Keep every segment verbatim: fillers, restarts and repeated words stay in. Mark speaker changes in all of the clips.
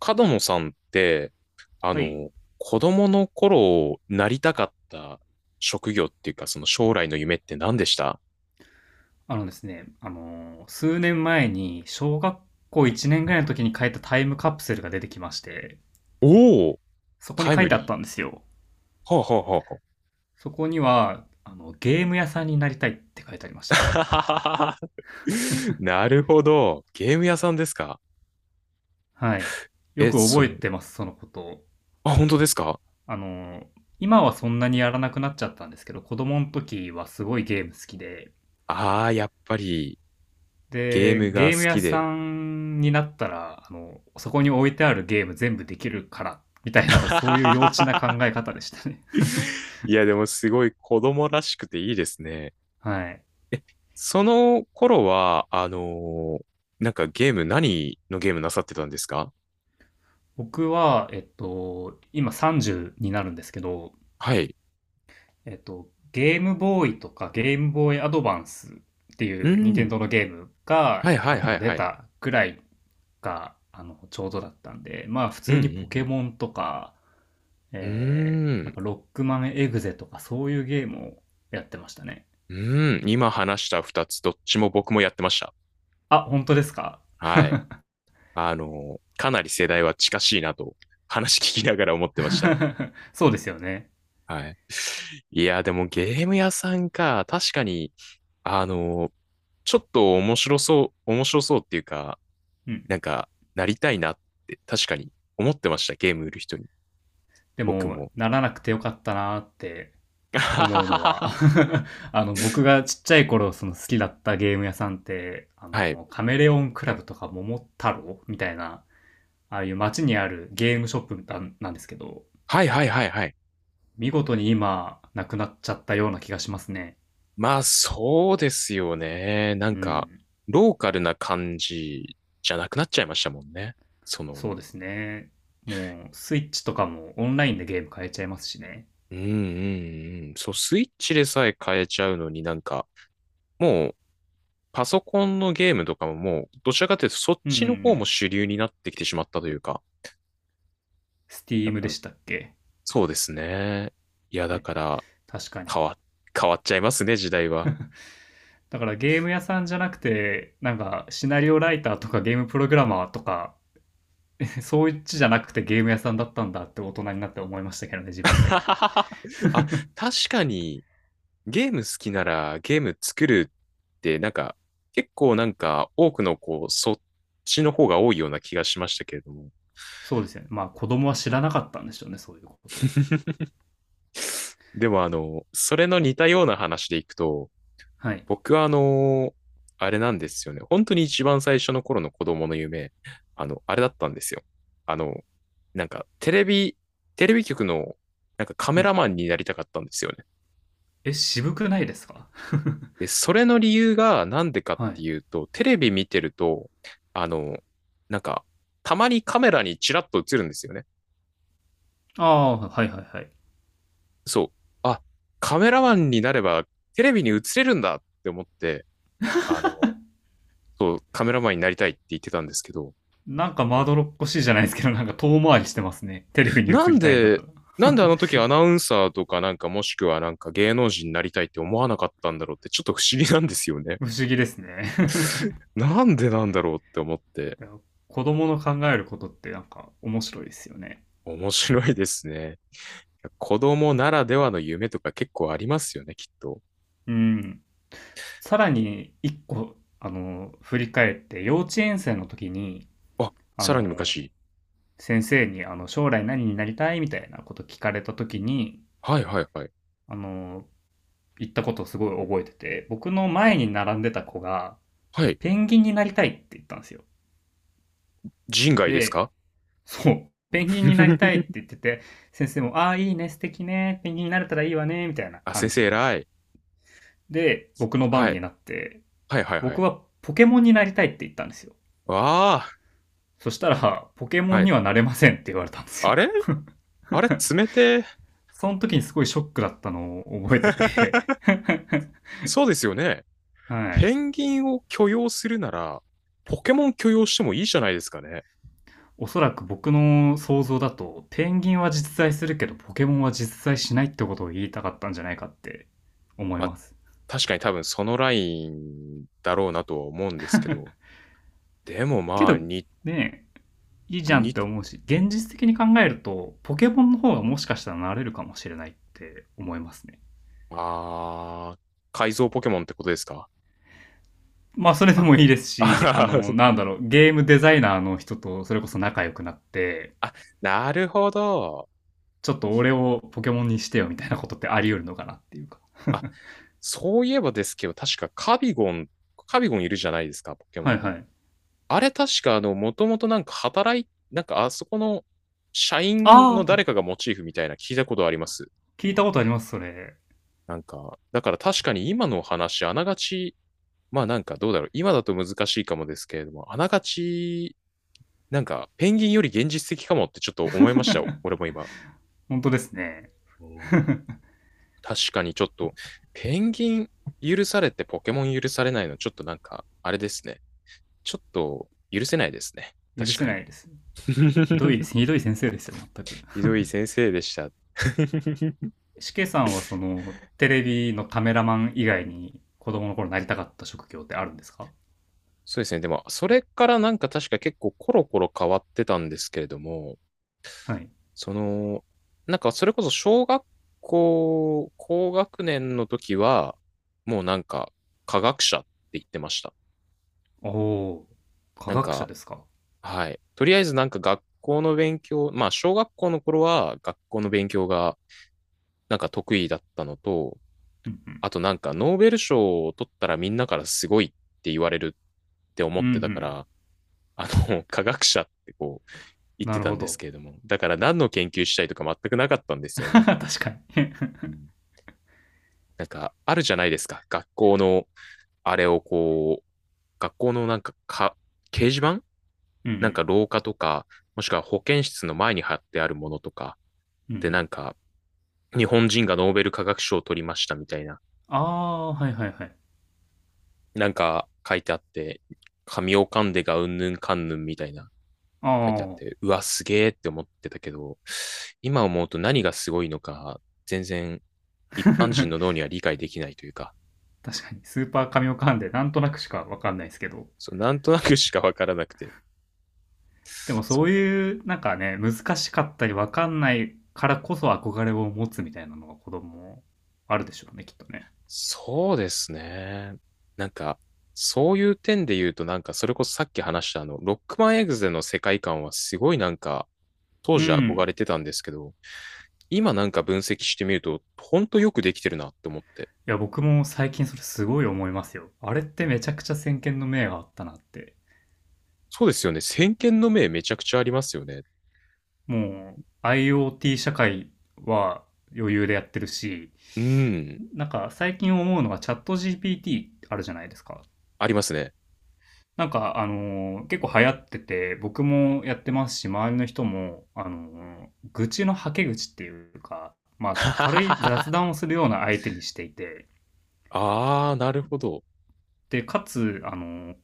Speaker 1: 角野さんって、あ
Speaker 2: はい。
Speaker 1: の、子供の頃なりたかった職業っていうか、その将来の夢って何でした？
Speaker 2: あのですね、あのー数年前に小学校いちねんぐらいの時に書いたタイムカプセルが出てきまして、
Speaker 1: おおー、
Speaker 2: そこに
Speaker 1: タイ
Speaker 2: 書い
Speaker 1: ム
Speaker 2: てあっ
Speaker 1: リー。
Speaker 2: たんですよ。
Speaker 1: はあ、は
Speaker 2: そこには、あの、ゲーム屋さんになりたいって書いてありまし
Speaker 1: あ
Speaker 2: た
Speaker 1: は
Speaker 2: ね。
Speaker 1: あはあ、なるほど。ゲーム屋さんですか？
Speaker 2: はい。よ
Speaker 1: え、
Speaker 2: く
Speaker 1: そ
Speaker 2: 覚え
Speaker 1: の、
Speaker 2: てます、そのことを。
Speaker 1: あ、本当ですか？
Speaker 2: あのー今はそんなにやらなくなっちゃったんですけど、子供の時はすごいゲーム好きで、
Speaker 1: ああー、やっぱりゲー
Speaker 2: で、
Speaker 1: ム
Speaker 2: ゲ
Speaker 1: が
Speaker 2: ー
Speaker 1: 好
Speaker 2: ム屋
Speaker 1: きで。
Speaker 2: さんになったら、あの、そこに置いてあるゲーム全部できるから、みたいな、そういう幼稚な考え 方でしたね。
Speaker 1: いや、でもすごい子供らしくていいですね。
Speaker 2: はい。
Speaker 1: その頃は、あのーなんかゲーム、何のゲームなさってたんですか？
Speaker 2: 僕は、えっと、今さんじゅうになるんですけど、
Speaker 1: はい。
Speaker 2: えっと、ゲームボーイとかゲームボーイアドバンスって
Speaker 1: う
Speaker 2: いう任天
Speaker 1: ん。
Speaker 2: 堂のゲーム
Speaker 1: は
Speaker 2: が、
Speaker 1: いは
Speaker 2: あ
Speaker 1: いはい
Speaker 2: の、出
Speaker 1: はい。
Speaker 2: たぐらいが、あの、ちょうどだったんで、まあ普
Speaker 1: う
Speaker 2: 通にポケ
Speaker 1: ん
Speaker 2: モンとか、
Speaker 1: うんうん。
Speaker 2: えー、
Speaker 1: うー
Speaker 2: なん
Speaker 1: ん。
Speaker 2: かロックマンエグゼとかそういうゲームをやってましたね。
Speaker 1: うん。今話した二つ、どっちも僕もやってました。
Speaker 2: あ、本当ですか？
Speaker 1: はい。あのーかなり世代は近しいなと、話聞きながら思ってました。
Speaker 2: そうですよね。
Speaker 1: はい。いや、でもゲーム屋さんか、確かに、あのーちょっと面白そう、面白そうっていうか、
Speaker 2: う
Speaker 1: なん
Speaker 2: ん。
Speaker 1: か、なりたいなって、確かに思ってました、ゲーム売る人に。
Speaker 2: で
Speaker 1: 僕
Speaker 2: も、
Speaker 1: も。
Speaker 2: ならなくてよかったなーって思うのは、 あの、僕がちっちゃい頃、その好きだったゲーム屋さんって、あの、カメレオンクラブとか桃太郎みたいな、ああいう街にあるゲームショップなんなんですけど、
Speaker 1: ははいはいはいはいはい。
Speaker 2: 見事に今、なくなっちゃったような気がしますね。
Speaker 1: まあそうですよね。な
Speaker 2: う
Speaker 1: んか、
Speaker 2: ん。
Speaker 1: ローカルな感じじゃなくなっちゃいましたもんね。その、
Speaker 2: そうですね。もう、スイッチとかもオンラインでゲーム買えちゃいますしね。
Speaker 1: うんうんうん。そう、スイッチでさえ変えちゃうのになんか、もう、パソコンのゲームとかももう、どちらかというとそっ
Speaker 2: うんうん
Speaker 1: ちの
Speaker 2: う
Speaker 1: 方も
Speaker 2: ん。
Speaker 1: 主流になってきてしまったというか。だ
Speaker 2: Steam
Speaker 1: か
Speaker 2: で
Speaker 1: ら、
Speaker 2: したっけ。
Speaker 1: そうですね。いや、だ
Speaker 2: ね。
Speaker 1: から、
Speaker 2: 確かに。
Speaker 1: 変わ、変わっちゃいますね、時代は。
Speaker 2: だからゲーム屋さんじゃなくて、なんかシナリオライターとかゲームプログラマーとかそういっちじゃなくてゲーム屋さんだったんだって大人になって思いましたけどね、自分で。
Speaker 1: あ、確かに、ゲーム好きならゲーム作るってなんか結構なんか多くのこうそっちの方が多いような気がしましたけれども。
Speaker 2: そうですよね。まあ子供は知らなかったんでしょうね、そういうことを。
Speaker 1: でもあの、それの似たような話でいくと、
Speaker 2: はい。
Speaker 1: 僕はあの、あれなんですよね。本当に一番最初の頃の子供の夢、あの、あれだったんですよ。あの、なんかテレビ、テレビ局のなんかカ
Speaker 2: う
Speaker 1: メラ
Speaker 2: ん。
Speaker 1: マンになりたかったんですよね。
Speaker 2: え、渋くないですか？
Speaker 1: で、それの理由がなんでかっ
Speaker 2: は
Speaker 1: て
Speaker 2: い。
Speaker 1: いうと、テレビ見てると、あの、なんか、たまにカメラにチラッと映るんですよね。
Speaker 2: ああ、はいはいはい。
Speaker 1: そう。あ、カメラマンになればテレビに映れるんだって思って、あの、そう、カメラマンになりたいって言ってたんですけど、
Speaker 2: なんかま
Speaker 1: あ
Speaker 2: ど
Speaker 1: の、
Speaker 2: ろっこしいじゃないですけど、なんか遠回りしてますね。テレビに映
Speaker 1: なん
Speaker 2: りたいんだっ
Speaker 1: で、
Speaker 2: たら。
Speaker 1: なんであの時アナウンサーとかなんかもしくはなんか芸能人になりたいって思わなかったんだろうってちょっと不思議なんですよね。
Speaker 2: 不思議ですね。
Speaker 1: なんでなんだろうって思って、
Speaker 2: 子供の考えることってなんか面白いですよね。
Speaker 1: 面白いですね。子供ならではの夢とか結構ありますよね、きっと。
Speaker 2: うん。さらに一個、あの、振り返って、幼稚園生の時に、
Speaker 1: あ、
Speaker 2: あ
Speaker 1: さらに
Speaker 2: の、
Speaker 1: 昔。
Speaker 2: 先生にあの将来何になりたいみたいなこと聞かれた時に
Speaker 1: はいはいはい。
Speaker 2: あの言ったことをすごい覚えてて、僕の前に並んでた子が
Speaker 1: はい。
Speaker 2: ペンギンになりたいって言ったんですよ。
Speaker 1: 人外です
Speaker 2: で、
Speaker 1: か？
Speaker 2: そうペンギンになりたいって 言ってて、先生も「ああいいね、素敵ね、ペンギンになれたらいいわね」みたいな
Speaker 1: あ、先
Speaker 2: 感
Speaker 1: 生
Speaker 2: じ
Speaker 1: 偉い。
Speaker 2: で、僕の
Speaker 1: は
Speaker 2: 番に
Speaker 1: い。
Speaker 2: なって、
Speaker 1: はいはいは
Speaker 2: 僕
Speaker 1: い。
Speaker 2: はポケモンになりたいって言ったんですよ。
Speaker 1: わあ。
Speaker 2: そしたらポケモ
Speaker 1: は
Speaker 2: ン
Speaker 1: い。
Speaker 2: にはなれませんって言われたんです
Speaker 1: あ
Speaker 2: よ。
Speaker 1: れ？あれ冷てえ。
Speaker 2: その時にすごいショックだったのを覚えて て。
Speaker 1: そうですよね。
Speaker 2: はい。
Speaker 1: ペンギンを許容するなら、ポケモン許容してもいいじゃないですかね。
Speaker 2: おそらく僕の想像だと、ペンギンは実在するけど、ポケモンは実在しないってことを言いたかったんじゃないかって思い
Speaker 1: まあ、
Speaker 2: ます。
Speaker 1: 確かに多分そのラインだろうなとは思うんですけど。でも
Speaker 2: け
Speaker 1: まあ、
Speaker 2: ど、
Speaker 1: に、
Speaker 2: ねえ、いいじゃんっ
Speaker 1: に、
Speaker 2: て思うし、現実的に考えると、ポケモンの方がもしかしたらなれるかもしれないって思いますね。
Speaker 1: あー、改造ポケモンってことですか？
Speaker 2: まあ、それで
Speaker 1: あ
Speaker 2: もい
Speaker 1: の、
Speaker 2: いです
Speaker 1: あ
Speaker 2: し、あ
Speaker 1: はは
Speaker 2: の、なんだろう、ゲームデザイナーの人とそれこそ仲良くなって、
Speaker 1: あ、なるほど。
Speaker 2: ちょっと俺をポケモンにしてよみたいなことってあり得るのかなっていうか。
Speaker 1: あ、そういえばですけど、確かカビゴン、カビゴンいるじゃないですか、ポケ
Speaker 2: はい
Speaker 1: モ
Speaker 2: は
Speaker 1: ン。
Speaker 2: い。
Speaker 1: あれ確か、あの、もともとなんか働い、なんかあそこの社員の
Speaker 2: ああ、
Speaker 1: 誰かがモチーフみたいな聞いたことあります。
Speaker 2: 聞いたことあります、それ。
Speaker 1: なんか、だから確かに今のお話、あながち、まあなんかどうだろう。今だと難しいかもですけれども、あながち、なんかペンギンより現実的かもってちょっと思いました、俺も今。
Speaker 2: 本当ですね。
Speaker 1: 確かにちょっと、ペンギン許されてポケモン許されないの、ちょっとなんか、あれですね。ちょっと許せないですね。
Speaker 2: 許
Speaker 1: 確
Speaker 2: せ
Speaker 1: か
Speaker 2: な
Speaker 1: に。
Speaker 2: いですね。ひどい ひどい先生ですよ、全く。
Speaker 1: ひどい先生でした。
Speaker 2: しけさんは、その、テレビのカメラマン以外に、子供の頃なりたかった職業ってあるんですか？
Speaker 1: そうですね。でも、それからなんか確か結構コロコロ変わってたんですけれども、
Speaker 2: はい。
Speaker 1: その、なんかそれこそ小学校、高学年の時は、もうなんか科学者って言ってました。
Speaker 2: おおー、科
Speaker 1: なん
Speaker 2: 学者
Speaker 1: か、
Speaker 2: ですか。
Speaker 1: はい。とりあえずなんか学校の勉強、まあ小学校の頃は学校の勉強がなんか得意だったのと、
Speaker 2: うんうん。
Speaker 1: あとなんかノーベル賞を取ったらみんなからすごいって言われるって思
Speaker 2: う
Speaker 1: っ
Speaker 2: んう
Speaker 1: てたか
Speaker 2: ん。
Speaker 1: ら、あの、科学者ってこう言っ
Speaker 2: な
Speaker 1: て
Speaker 2: る
Speaker 1: た
Speaker 2: ほ
Speaker 1: んです
Speaker 2: ど。
Speaker 1: けれども、だから何の研究したいとか全くなかったんで すよ
Speaker 2: 確
Speaker 1: ね。
Speaker 2: かに。
Speaker 1: うん、なんかあるじゃないですか。学校のあれをこう、学校のなんか、か、掲示板
Speaker 2: うんう
Speaker 1: なんか
Speaker 2: ん。
Speaker 1: 廊下とか、もしくは保健室の前に貼ってあるものとか、
Speaker 2: うんう
Speaker 1: で、な
Speaker 2: ん。
Speaker 1: んか、日本人がノーベル化学賞を取りましたみたいな、
Speaker 2: ああー、はいはいはい。
Speaker 1: なんか書いてあって、神を噛んでがうんぬんかんぬんみたいな
Speaker 2: あ
Speaker 1: 書いてあって、
Speaker 2: あ、
Speaker 1: うわ、すげえって思ってたけど、今思うと何がすごいのか、全然一般人の脳には理解できないというか、
Speaker 2: 確かに。スーパー神オカンで、なんとなくしかわかんないですけど。
Speaker 1: そうなんとなくしかわからなくて、
Speaker 2: でも
Speaker 1: そ
Speaker 2: そ
Speaker 1: う
Speaker 2: う
Speaker 1: だ
Speaker 2: いう、なんかね、難しかったりわかんないからこそ憧れを持つみたいなのが子供あるでしょうね、きっとね。
Speaker 1: そうですね。なんか、そういう点で言うと、なんか、それこそさっき話したあの、ロックマンエグゼの世界観はすごいなんか、当
Speaker 2: う
Speaker 1: 時憧
Speaker 2: ん。
Speaker 1: れてたんですけど、今なんか分析してみると、ほんとよくできてるなって思って。
Speaker 2: いや、僕も最近それすごい思いますよ。あれっ
Speaker 1: う
Speaker 2: て
Speaker 1: ん
Speaker 2: め
Speaker 1: う
Speaker 2: ちゃ
Speaker 1: ん
Speaker 2: くちゃ先見の明があったなって。
Speaker 1: そうですよね。先見の明めちゃくちゃありますよね。
Speaker 2: もう アイオーティー 社会は余裕でやってるし、
Speaker 1: うん。
Speaker 2: なんか最近思うのがチャット ジーピーティー あるじゃないですか。
Speaker 1: ありますね。
Speaker 2: なんかあのー結構流行ってて、僕もやってますし、周りの人も、あのー愚痴のはけ口っていうか、まあ軽い雑
Speaker 1: あ
Speaker 2: 談をするような相手にしていて、
Speaker 1: あ、なるほど。
Speaker 2: で、かつ、あの、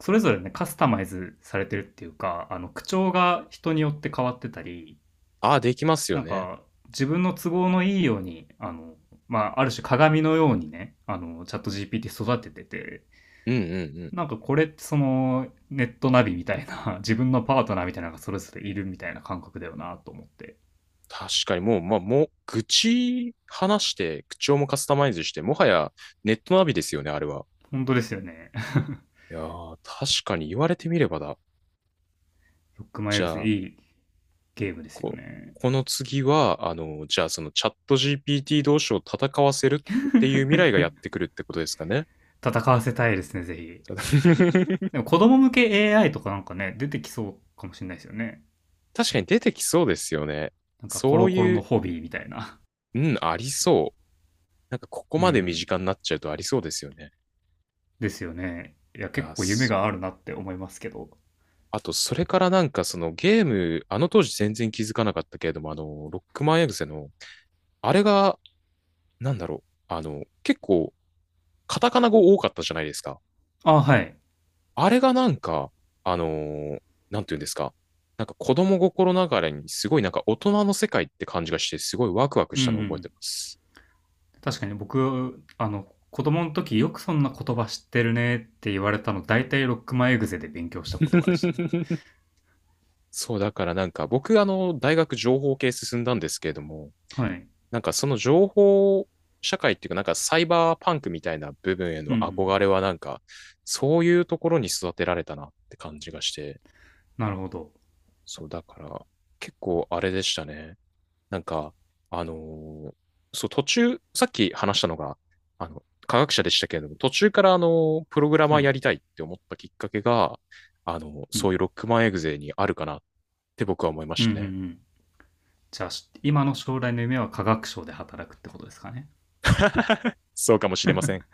Speaker 2: それぞれね、カスタマイズされてるっていうか、あの、口調が人によって変わってたり、
Speaker 1: ああ、できますよ
Speaker 2: なん
Speaker 1: ね。
Speaker 2: か、自分の都合のいいように、あの、まあ、ある種鏡のようにね、あの、チャット ジーピーティー 育ててて、
Speaker 1: うんうん
Speaker 2: なんかこれってその、ネットナビみたいな、自分のパートナーみたいなのがそれぞれいるみたいな感覚だよなと思って。
Speaker 1: 確かにもう、まあ、もう、愚痴話して、口調もカスタマイズして、もはやネットナビですよね、あれは。
Speaker 2: 本当ですよね。
Speaker 1: いやー、確かに言われてみればだ。
Speaker 2: ロックマイ
Speaker 1: じ
Speaker 2: エグゼ
Speaker 1: ゃあ、
Speaker 2: いいゲームですよ
Speaker 1: こ、
Speaker 2: ね。
Speaker 1: この次は、あの、じゃあそのチャット ジーピーティー 同士を戦わせるっていう未来がやってくるってことですかね？
Speaker 2: 戦わせたいですね、ぜひ。
Speaker 1: ただ
Speaker 2: で も子供向け エーアイ とかなんかね、出てきそうかもしれないですよね。
Speaker 1: 確かに出てきそうですよね。
Speaker 2: なんかコ
Speaker 1: そう
Speaker 2: ロコロ
Speaker 1: い
Speaker 2: の
Speaker 1: う、
Speaker 2: ホビーみたいな。
Speaker 1: うん、ありそう。なんかこ こ
Speaker 2: う
Speaker 1: まで身
Speaker 2: ん。
Speaker 1: 近になっちゃうとありそうですよね。
Speaker 2: ですよね。いや、
Speaker 1: いや
Speaker 2: 結構夢
Speaker 1: ー、
Speaker 2: があるなって思いますけど。
Speaker 1: あと、それからなんかそのゲーム、あの当時全然気づかなかったけれども、あの、ロックマンエグゼの、あれが、なんだろう、あの、結構、カタカナ語多かったじゃないですか。
Speaker 2: あ、はい。
Speaker 1: あれがなんか、あのーなんていうんですか。なんか子供心ながらにすごいなんか大人の世界って感じがして、すごいワクワク
Speaker 2: うん
Speaker 1: し
Speaker 2: う
Speaker 1: たのを覚え
Speaker 2: ん。
Speaker 1: てます。
Speaker 2: 確かに僕、あの、子供の時よくそんな言葉知ってるねって言われたの、大体ロックマンエグゼで勉強した言葉でしたね。
Speaker 1: そう、だからなんか僕、あの、大学情報系進んだんですけれども、
Speaker 2: はい。
Speaker 1: なんかその情報社会っていうか、なんかサイバーパンクみたいな部分へ
Speaker 2: う
Speaker 1: の
Speaker 2: んうん。
Speaker 1: 憧れはなんか、そういうところに育てられたなって感じがして、
Speaker 2: なるほど。
Speaker 1: そうだから、結構あれでしたね。なんか、あのーそう、途中、さっき話したのが、あの、科学者でしたけれども、途中からあの、プログラマ
Speaker 2: は
Speaker 1: ーや
Speaker 2: い。
Speaker 1: りたいって思ったきっかけが、あの、
Speaker 2: う
Speaker 1: そ
Speaker 2: ん。
Speaker 1: ういうロックマンエグゼにあるかなって僕は思いま
Speaker 2: う
Speaker 1: し
Speaker 2: ん
Speaker 1: た
Speaker 2: うんう
Speaker 1: ね。
Speaker 2: ん。じゃあ、し今の将来の夢は科学省で働くってことですかね。
Speaker 1: そうかもしれません。